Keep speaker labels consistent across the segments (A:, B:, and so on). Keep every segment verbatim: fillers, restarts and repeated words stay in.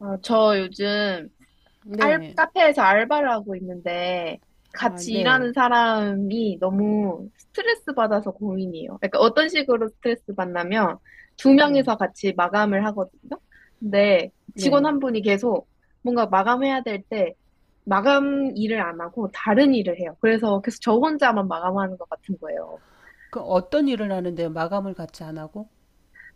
A: 아, 저 요즘 알,
B: 네.
A: 카페에서 알바를 하고 있는데
B: 아,
A: 같이
B: 네.
A: 일하는 사람이 너무 스트레스 받아서 고민이에요. 그러니까 어떤 식으로 스트레스 받냐면 두
B: 네.
A: 명이서 같이 마감을 하거든요. 근데 직원
B: 네.
A: 한 분이 계속 뭔가 마감해야 될 때 마감 일을 안 하고 다른 일을 해요. 그래서 계속 저 혼자만 마감하는 것 같은 거예요.
B: 그 어떤 일을 하는데요? 마감을 같이 안 하고?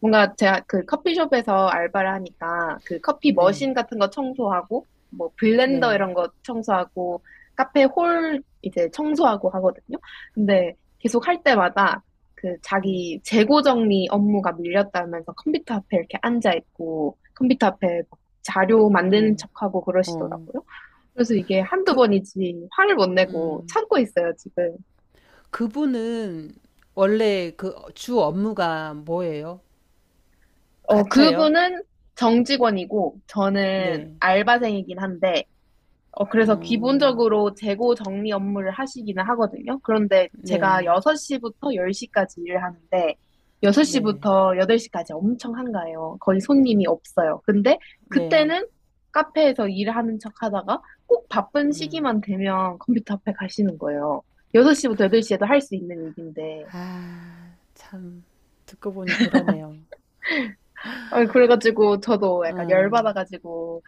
A: 뭔가 제가 그 커피숍에서 알바를 하니까 그 커피
B: 네.
A: 머신 같은 거 청소하고 뭐 블렌더
B: 네.
A: 이런 거 청소하고 카페 홀 이제 청소하고 하거든요. 근데 계속 할 때마다 그
B: 네.
A: 자기 재고 정리 업무가 밀렸다면서 컴퓨터 앞에 이렇게 앉아 있고 컴퓨터 앞에 막 자료 만드는
B: 어.
A: 척하고
B: 어.
A: 그러시더라고요. 그래서 이게 한두
B: 그
A: 번이지 화를 못 내고
B: 음.
A: 참고 있어요, 지금.
B: 그분은 원래 그 주 업무가 뭐예요?
A: 어,
B: 같아요?
A: 그분은 정직원이고 저는
B: 네.
A: 알바생이긴 한데 어, 그래서
B: 어.
A: 기본적으로 재고 정리 업무를 하시기는 하거든요. 그런데 제가
B: 네.
A: 여섯 시부터 열 시까지 일을 하는데,
B: 네.
A: 여섯 시부터 여덟 시까지 엄청 한가해요. 거의 손님이 없어요. 근데
B: 네.
A: 그때는 카페에서 일하는 척 하다가 꼭 바쁜
B: 네.
A: 시기만 되면 컴퓨터 앞에 가시는 거예요. 여섯 시부터 여덟 시에도 할 수 있는 일인데.
B: 아, 참 듣고 보니 그러네요.
A: 아, 그래가지고 저도 약간
B: 아,
A: 열받아가지고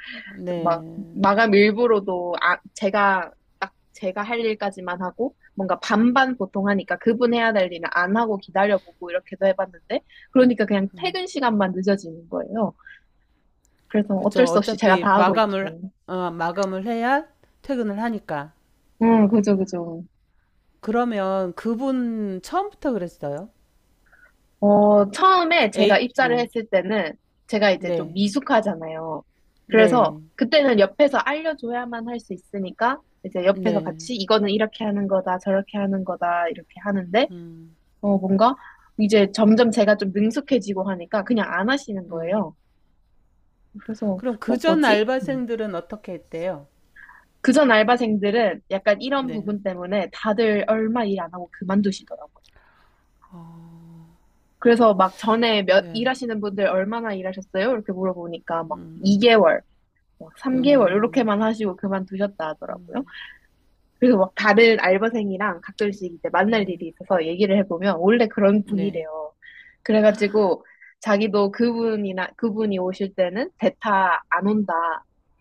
A: 막
B: 네.
A: 마감 일부로도 아 제가 딱 제가 할 일까지만 하고 뭔가 반반 보통 하니까 그분 해야 될 일은 안 하고 기다려보고 이렇게도 해봤는데 그러니까 그냥 퇴근 시간만 늦어지는 거예요. 그래서 어쩔
B: 그쵸.
A: 수 없이 제가
B: 어차피
A: 다 하고
B: 마감을,
A: 있죠.
B: 어, 마감을 해야 퇴근을 하니까.
A: 음, 그죠, 그죠.
B: 그러면 그분 처음부터 그랬어요?
A: 어, 처음에 제가
B: 에이,
A: 입사를
B: 응.
A: 했을 때는 제가 이제 좀
B: 네,
A: 미숙하잖아요. 그래서
B: 네,
A: 그때는 옆에서 알려줘야만 할 수 있으니까 이제 옆에서
B: 네.
A: 같이 이거는 이렇게 하는 거다, 저렇게 하는 거다, 이렇게 하는데
B: 음,
A: 어, 뭔가 이제 점점 제가 좀 능숙해지고 하니까 그냥 안 하시는
B: 음.
A: 거예요. 그래서,
B: 그럼
A: 어,
B: 그전
A: 뭐지? 음.
B: 알바생들은 어떻게 했대요?
A: 그전 알바생들은 약간 이런
B: 네,
A: 부분 때문에 다들 얼마 일 안 하고 그만두시더라고요. 그래서 막 전에 몇
B: 네,
A: 일하시는 분들 얼마나 일하셨어요? 이렇게 물어보니까 막 이 개월, 막 삼 개월
B: 음,
A: 이렇게만 하시고 그만두셨다 하더라고요. 그래서 막 다른 알바생이랑 가끔씩 이제 만날
B: 네,
A: 일이 있어서 얘기를 해보면 원래 그런
B: 네.
A: 분이래요. 그래가지고 자기도 그분이나 그분이 오실 때는 대타 안 온다.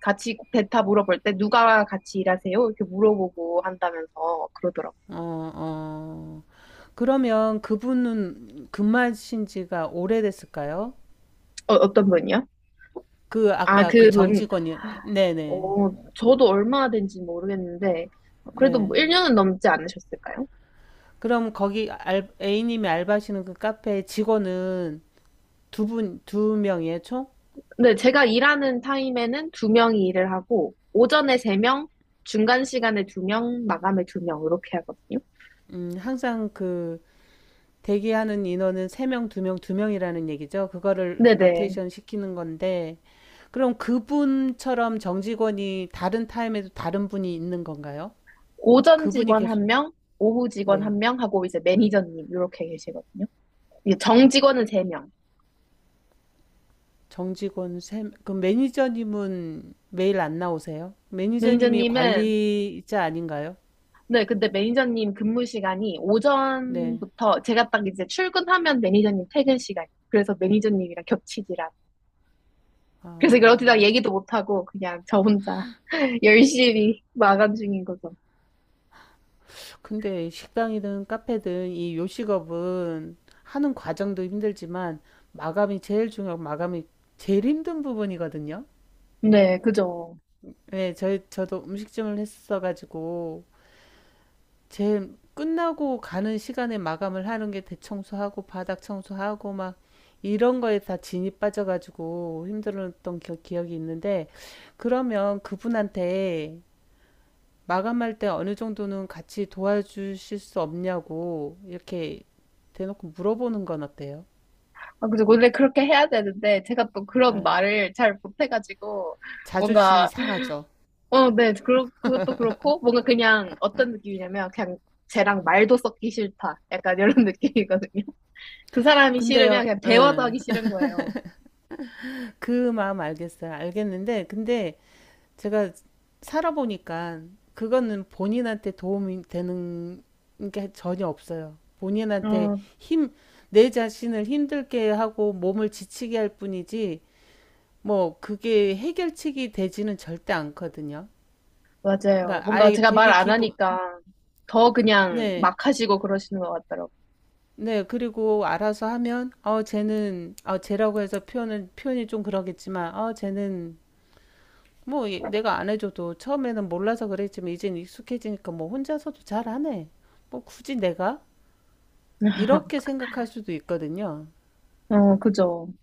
A: 같이 대타 물어볼 때 누가 같이 일하세요? 이렇게 물어보고 한다면서 그러더라고.
B: 어, 어. 그러면 그분은 근무하신 지가 오래됐을까요?
A: 어, 어떤 분이요?
B: 그
A: 아,
B: 아까 그
A: 그분.
B: 정직원이, 네네, 네.
A: 어, 저도 얼마나 된지 모르겠는데
B: 네.
A: 그래도 뭐
B: 네.
A: 일 년은 넘지 않으셨을까요?
B: 그럼 거기 알, A님이 알바하시는 그 카페 직원은 두 분, 두 명이에요, 총?
A: 네, 제가 일하는 타임에는 두 명이 일을 하고, 오전에 세 명, 중간 시간에 두 명, 마감에 두 명, 이렇게 하거든요.
B: 음, 항상 그 대기하는 인원은 세 명, 두 명, 두 명이라는 얘기죠. 그거를
A: 네네.
B: 로테이션 시키는 건데, 그럼 그분처럼 정직원이 다른 타임에도 다른 분이 있는 건가요?
A: 오전
B: 그분이
A: 직원
B: 계속,
A: 한 명, 오후 직원
B: 네.
A: 한 명 하고, 이제 매니저님, 이렇게 계시거든요. 이제 정 직원은 세 명.
B: 정직원 세, 그럼 매니저님은 매일 안 나오세요? 매니저님이
A: 매니저님은,
B: 관리자 아닌가요?
A: 네, 근데 매니저님 근무 시간이
B: 네.
A: 오전부터, 제가 딱 이제 출근하면 매니저님 퇴근 시간. 그래서 매니저님이랑 겹치지라. 그래서 그렇게
B: 아.
A: 다 얘기도 못하고, 그냥 저 혼자 열심히 마감 중인 거죠.
B: 근데 식당이든 카페든 이 요식업은 하는 과정도 힘들지만 마감이 제일 중요하고 마감이 제일 힘든 부분이거든요.
A: 네, 그죠.
B: 네, 저, 저도 음식점을 했어가지고 제일 끝나고 가는 시간에 마감을 하는 게 대청소하고 바닥 청소하고 막 이런 거에 다 진이 빠져가지고 힘들었던 기- 기억이 있는데 그러면 그분한테 마감할 때 어느 정도는 같이 도와주실 수 없냐고 이렇게 대놓고 물어보는 건 어때요?
A: 아, 그죠. 원래 그렇게 해야 되는데, 제가 또 그런
B: 에.
A: 말을 잘 못해가지고,
B: 자존심이
A: 뭔가,
B: 상하죠.
A: 어, 네, 그러, 그것도 그렇고, 뭔가 그냥 어떤 느낌이냐면, 그냥 쟤랑 말도 섞기 싫다. 약간 이런 느낌이거든요. 그 사람이 싫으면
B: 근데요,
A: 그냥 대화도
B: 예.
A: 하기 싫은 거예요.
B: 그 마음 알겠어요. 알겠는데, 근데 제가 살아보니까 그거는 본인한테 도움이 되는 게 전혀 없어요. 본인한테
A: 어,
B: 힘, 내 자신을 힘들게 하고 몸을 지치게 할 뿐이지, 뭐, 그게 해결책이 되지는 절대 않거든요.
A: 맞아요.
B: 그러니까
A: 뭔가
B: 아예
A: 제가 말
B: 되게
A: 안
B: 기분,
A: 하니까 더 그냥
B: 네.
A: 막 하시고 그러시는 것 같더라고요.
B: 네. 그리고 알아서 하면 어 쟤는 어 쟤라고 해서 표현을 표현이 좀 그러겠지만 어 쟤는 뭐 얘- 내가 안 해줘도 처음에는 몰라서 그랬지만 이젠 익숙해지니까 뭐 혼자서도 잘하네. 뭐 굳이 내가 이렇게 생각할 수도 있거든요.
A: 어, 그죠.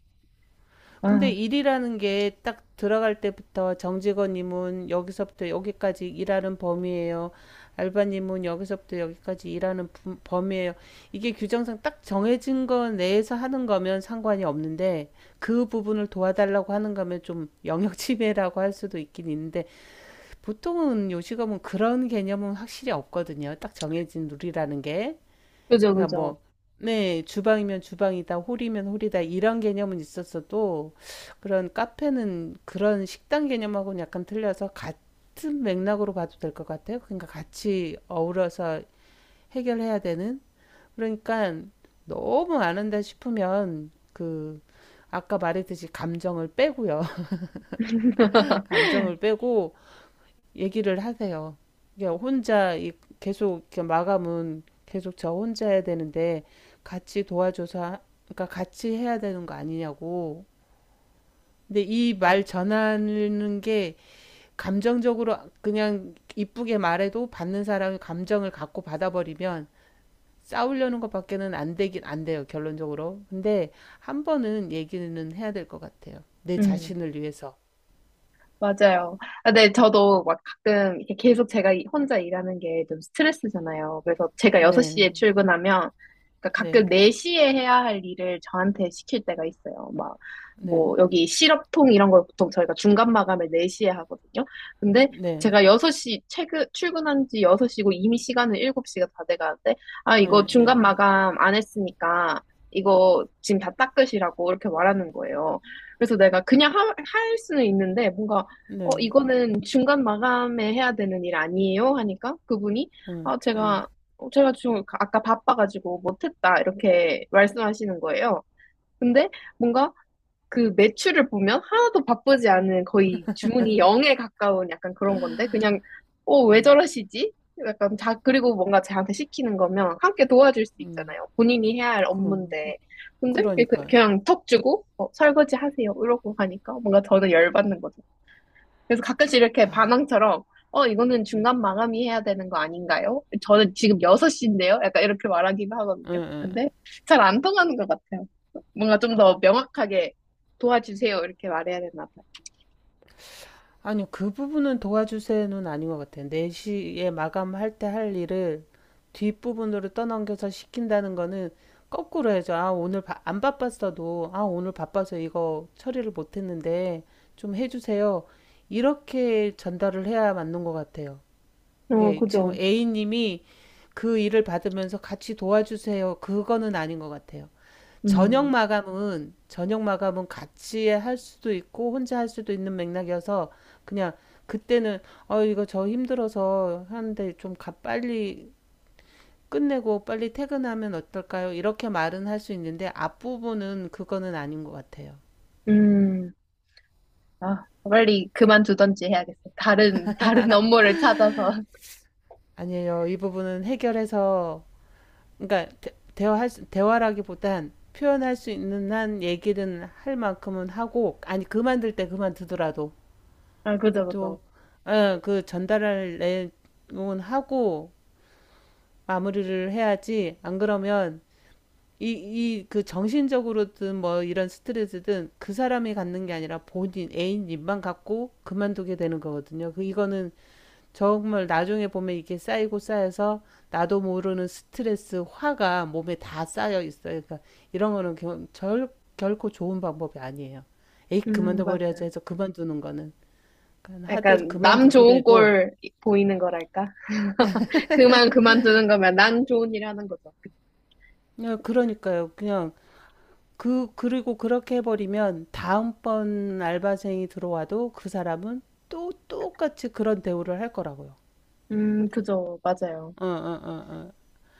B: 근데
A: 아,
B: 일이라는 게 딱 들어갈 때부터 정직원님은 여기서부터 여기까지 일하는 범위예요. 알바님은 여기서부터 여기까지 일하는 범위예요. 이게 규정상 딱 정해진 거 내에서 하는 거면 상관이 없는데 그 부분을 도와달라고 하는 거면 좀 영역 침해라고 할 수도 있긴 있는데 보통은 요식업은 그런 개념은 확실히 없거든요. 딱 정해진 룰이라는 게.
A: 그죠,
B: 그러니까
A: 그죠.
B: 뭐, 네, 주방이면 주방이다, 홀이면 홀이다, 이런 개념은 있었어도, 그런 카페는 그런 식당 개념하고는 약간 틀려서 같은 맥락으로 봐도 될 것 같아요. 그러니까 같이 어우러서 해결해야 되는? 그러니까 너무 안 한다 싶으면, 그, 아까 말했듯이 감정을 빼고요. 감정을 빼고, 얘기를 하세요. 이게 혼자 계속 이렇게 마감은 계속 저 혼자 해야 되는데 같이 도와줘서 그러니까 같이 해야 되는 거 아니냐고. 근데 이
A: 맞,
B: 말 전하는 게 감정적으로 그냥 이쁘게 말해도 받는 사람이 감정을 갖고 받아버리면 싸우려는 것밖에는 안 되긴 안 돼요, 결론적으로. 근데 한 번은 얘기는 해야 될 것 같아요. 내
A: 음.
B: 자신을 위해서.
A: 맞아요. 아, 네, 저도 막 가끔 이렇게 계속 제가 이- 혼자 일하는 게 좀 스트레스잖아요. 그래서 제가 여섯 시에
B: 네,
A: 출근하면 그러니까 가끔
B: 네,
A: 네 시에 해야 할 일을 저한테 시킬 때가 있어요. 막,
B: 네,
A: 뭐, 여기 시럽통 이런 걸 보통 저희가 중간 마감을 네 시에 하거든요. 근데
B: 네,
A: 제가 여섯 시, 퇴근, 출근한 지 여섯 시고 이미 시간은 일곱 시가 다 돼가는데, 아, 이거 중간
B: 네,
A: 마감 안 했으니까 이거 지금 다 닦으시라고 이렇게 말하는 거예요. 그래서 내가 그냥 하- 할 수는 있는데, 뭔가
B: 네,
A: 어,
B: 네.
A: 이거는 중간 마감에 해야 되는 일 아니에요? 하니까 그분이,
B: 응,
A: 아,
B: 응,
A: 제가, 어, 제가 지금 아까 바빠가지고 못했다. 이렇게 말씀하시는 거예요. 근데 뭔가 그 매출을 보면 하나도 바쁘지 않은 거의 주문이 영에 가까운 약간 그런 건데, 그냥, 어, 왜 저러시지? 약간 자, 그리고 뭔가 저한테 시키는 거면 함께 도와줄 수
B: 응.
A: 있잖아요. 본인이 해야 할
B: 그럼,
A: 업무인데. 근데 이렇게
B: 그러니까요.
A: 그냥 턱 주고, 어, 설거지 하세요. 이러고 가니까 뭔가 저는 열받는 거죠. 그래서 가끔씩 이렇게
B: 아,
A: 반항처럼, 어, 이거는 중간 마감이 해야 되는 거 아닌가요? 저는 지금 여섯 시인데요? 약간 이렇게 말하기도 하거든요.
B: 응, 응.
A: 근데 잘 안 통하는 것 같아요. 뭔가 좀 더 명확하게 도와주세요. 이렇게 말해야 되나
B: 아니, 그 부분은 도와주세요는 아닌 것 같아요. 네 시에 마감할 때 할 일을 뒷부분으로 떠넘겨서 시킨다는 거는 거꾸로 해야죠. 아, 오늘 바- 안 바빴어도, 아, 오늘 바빠서 이거 처리를 못 했는데 좀 해주세요. 이렇게 전달을 해야 맞는 것 같아요.
A: 봐요. 어,
B: 이게 지금
A: 그죠.
B: A님이 그 일을 받으면서 같이 도와주세요. 그거는 아닌 것 같아요. 저녁
A: 음,
B: 마감은 저녁 마감은 같이 할 수도 있고 혼자 할 수도 있는 맥락이어서 그냥 그때는 어 이거 저 힘들어서 하는데 좀 가, 빨리 끝내고 빨리 퇴근하면 어떨까요? 이렇게 말은 할 수 있는데 앞부분은 그거는 아닌 것 같아요.
A: 음, 아, 빨리 그만두던지 해야겠어. 다른, 다른 업무를 찾아서.
B: 아니에요. 이 부분은 해결해서 그러니까 대, 대화할 수- 대화라기보단 표현할 수 있는 한 얘기는 할 만큼은 하고 아니 그만둘 때 그만두더라도
A: 아, 그죠,
B: 또,
A: 그죠.
B: 어, 그 전달할 내용은 하고 마무리를 해야지. 안 그러면 이, 이, 그 정신적으로든 뭐 이런 스트레스든 그 사람이 갖는 게 아니라 본인, 애인님만 갖고 그만두게 되는 거거든요. 그, 이거는 정말 나중에 보면 이게 쌓이고 쌓여서 나도 모르는 스트레스, 화가 몸에 다 쌓여 있어요. 그러니까 이런 거는 결, 절- 결코 좋은 방법이 아니에요. 에이,
A: 음,
B: 그만둬버려야지
A: 맞아요.
B: 해서 그만두는 거는. 그러니까 하들
A: 약간 남 좋은
B: 그만두더라도
A: 꼴 보이는 거랄까? 그만 그만두는 거면 난 좋은 일 하는 거죠.
B: 야, 그러니까요. 그냥 그 그리고 그렇게 해버리면 다음번 알바생이 들어와도 그 사람은 또 똑같이 그런 대우를 할 거라고요.
A: 음, 그죠. 맞아요.
B: 어, 어, 어, 어.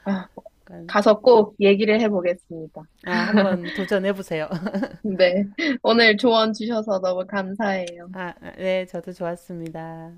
A: 아,
B: 그러니까,
A: 가서 꼭 얘기를 해보겠습니다.
B: 아, 한번 도전해 보세요.
A: 네. 오늘 조언 주셔서 너무 감사해요.
B: 아, 네, 저도 좋았습니다.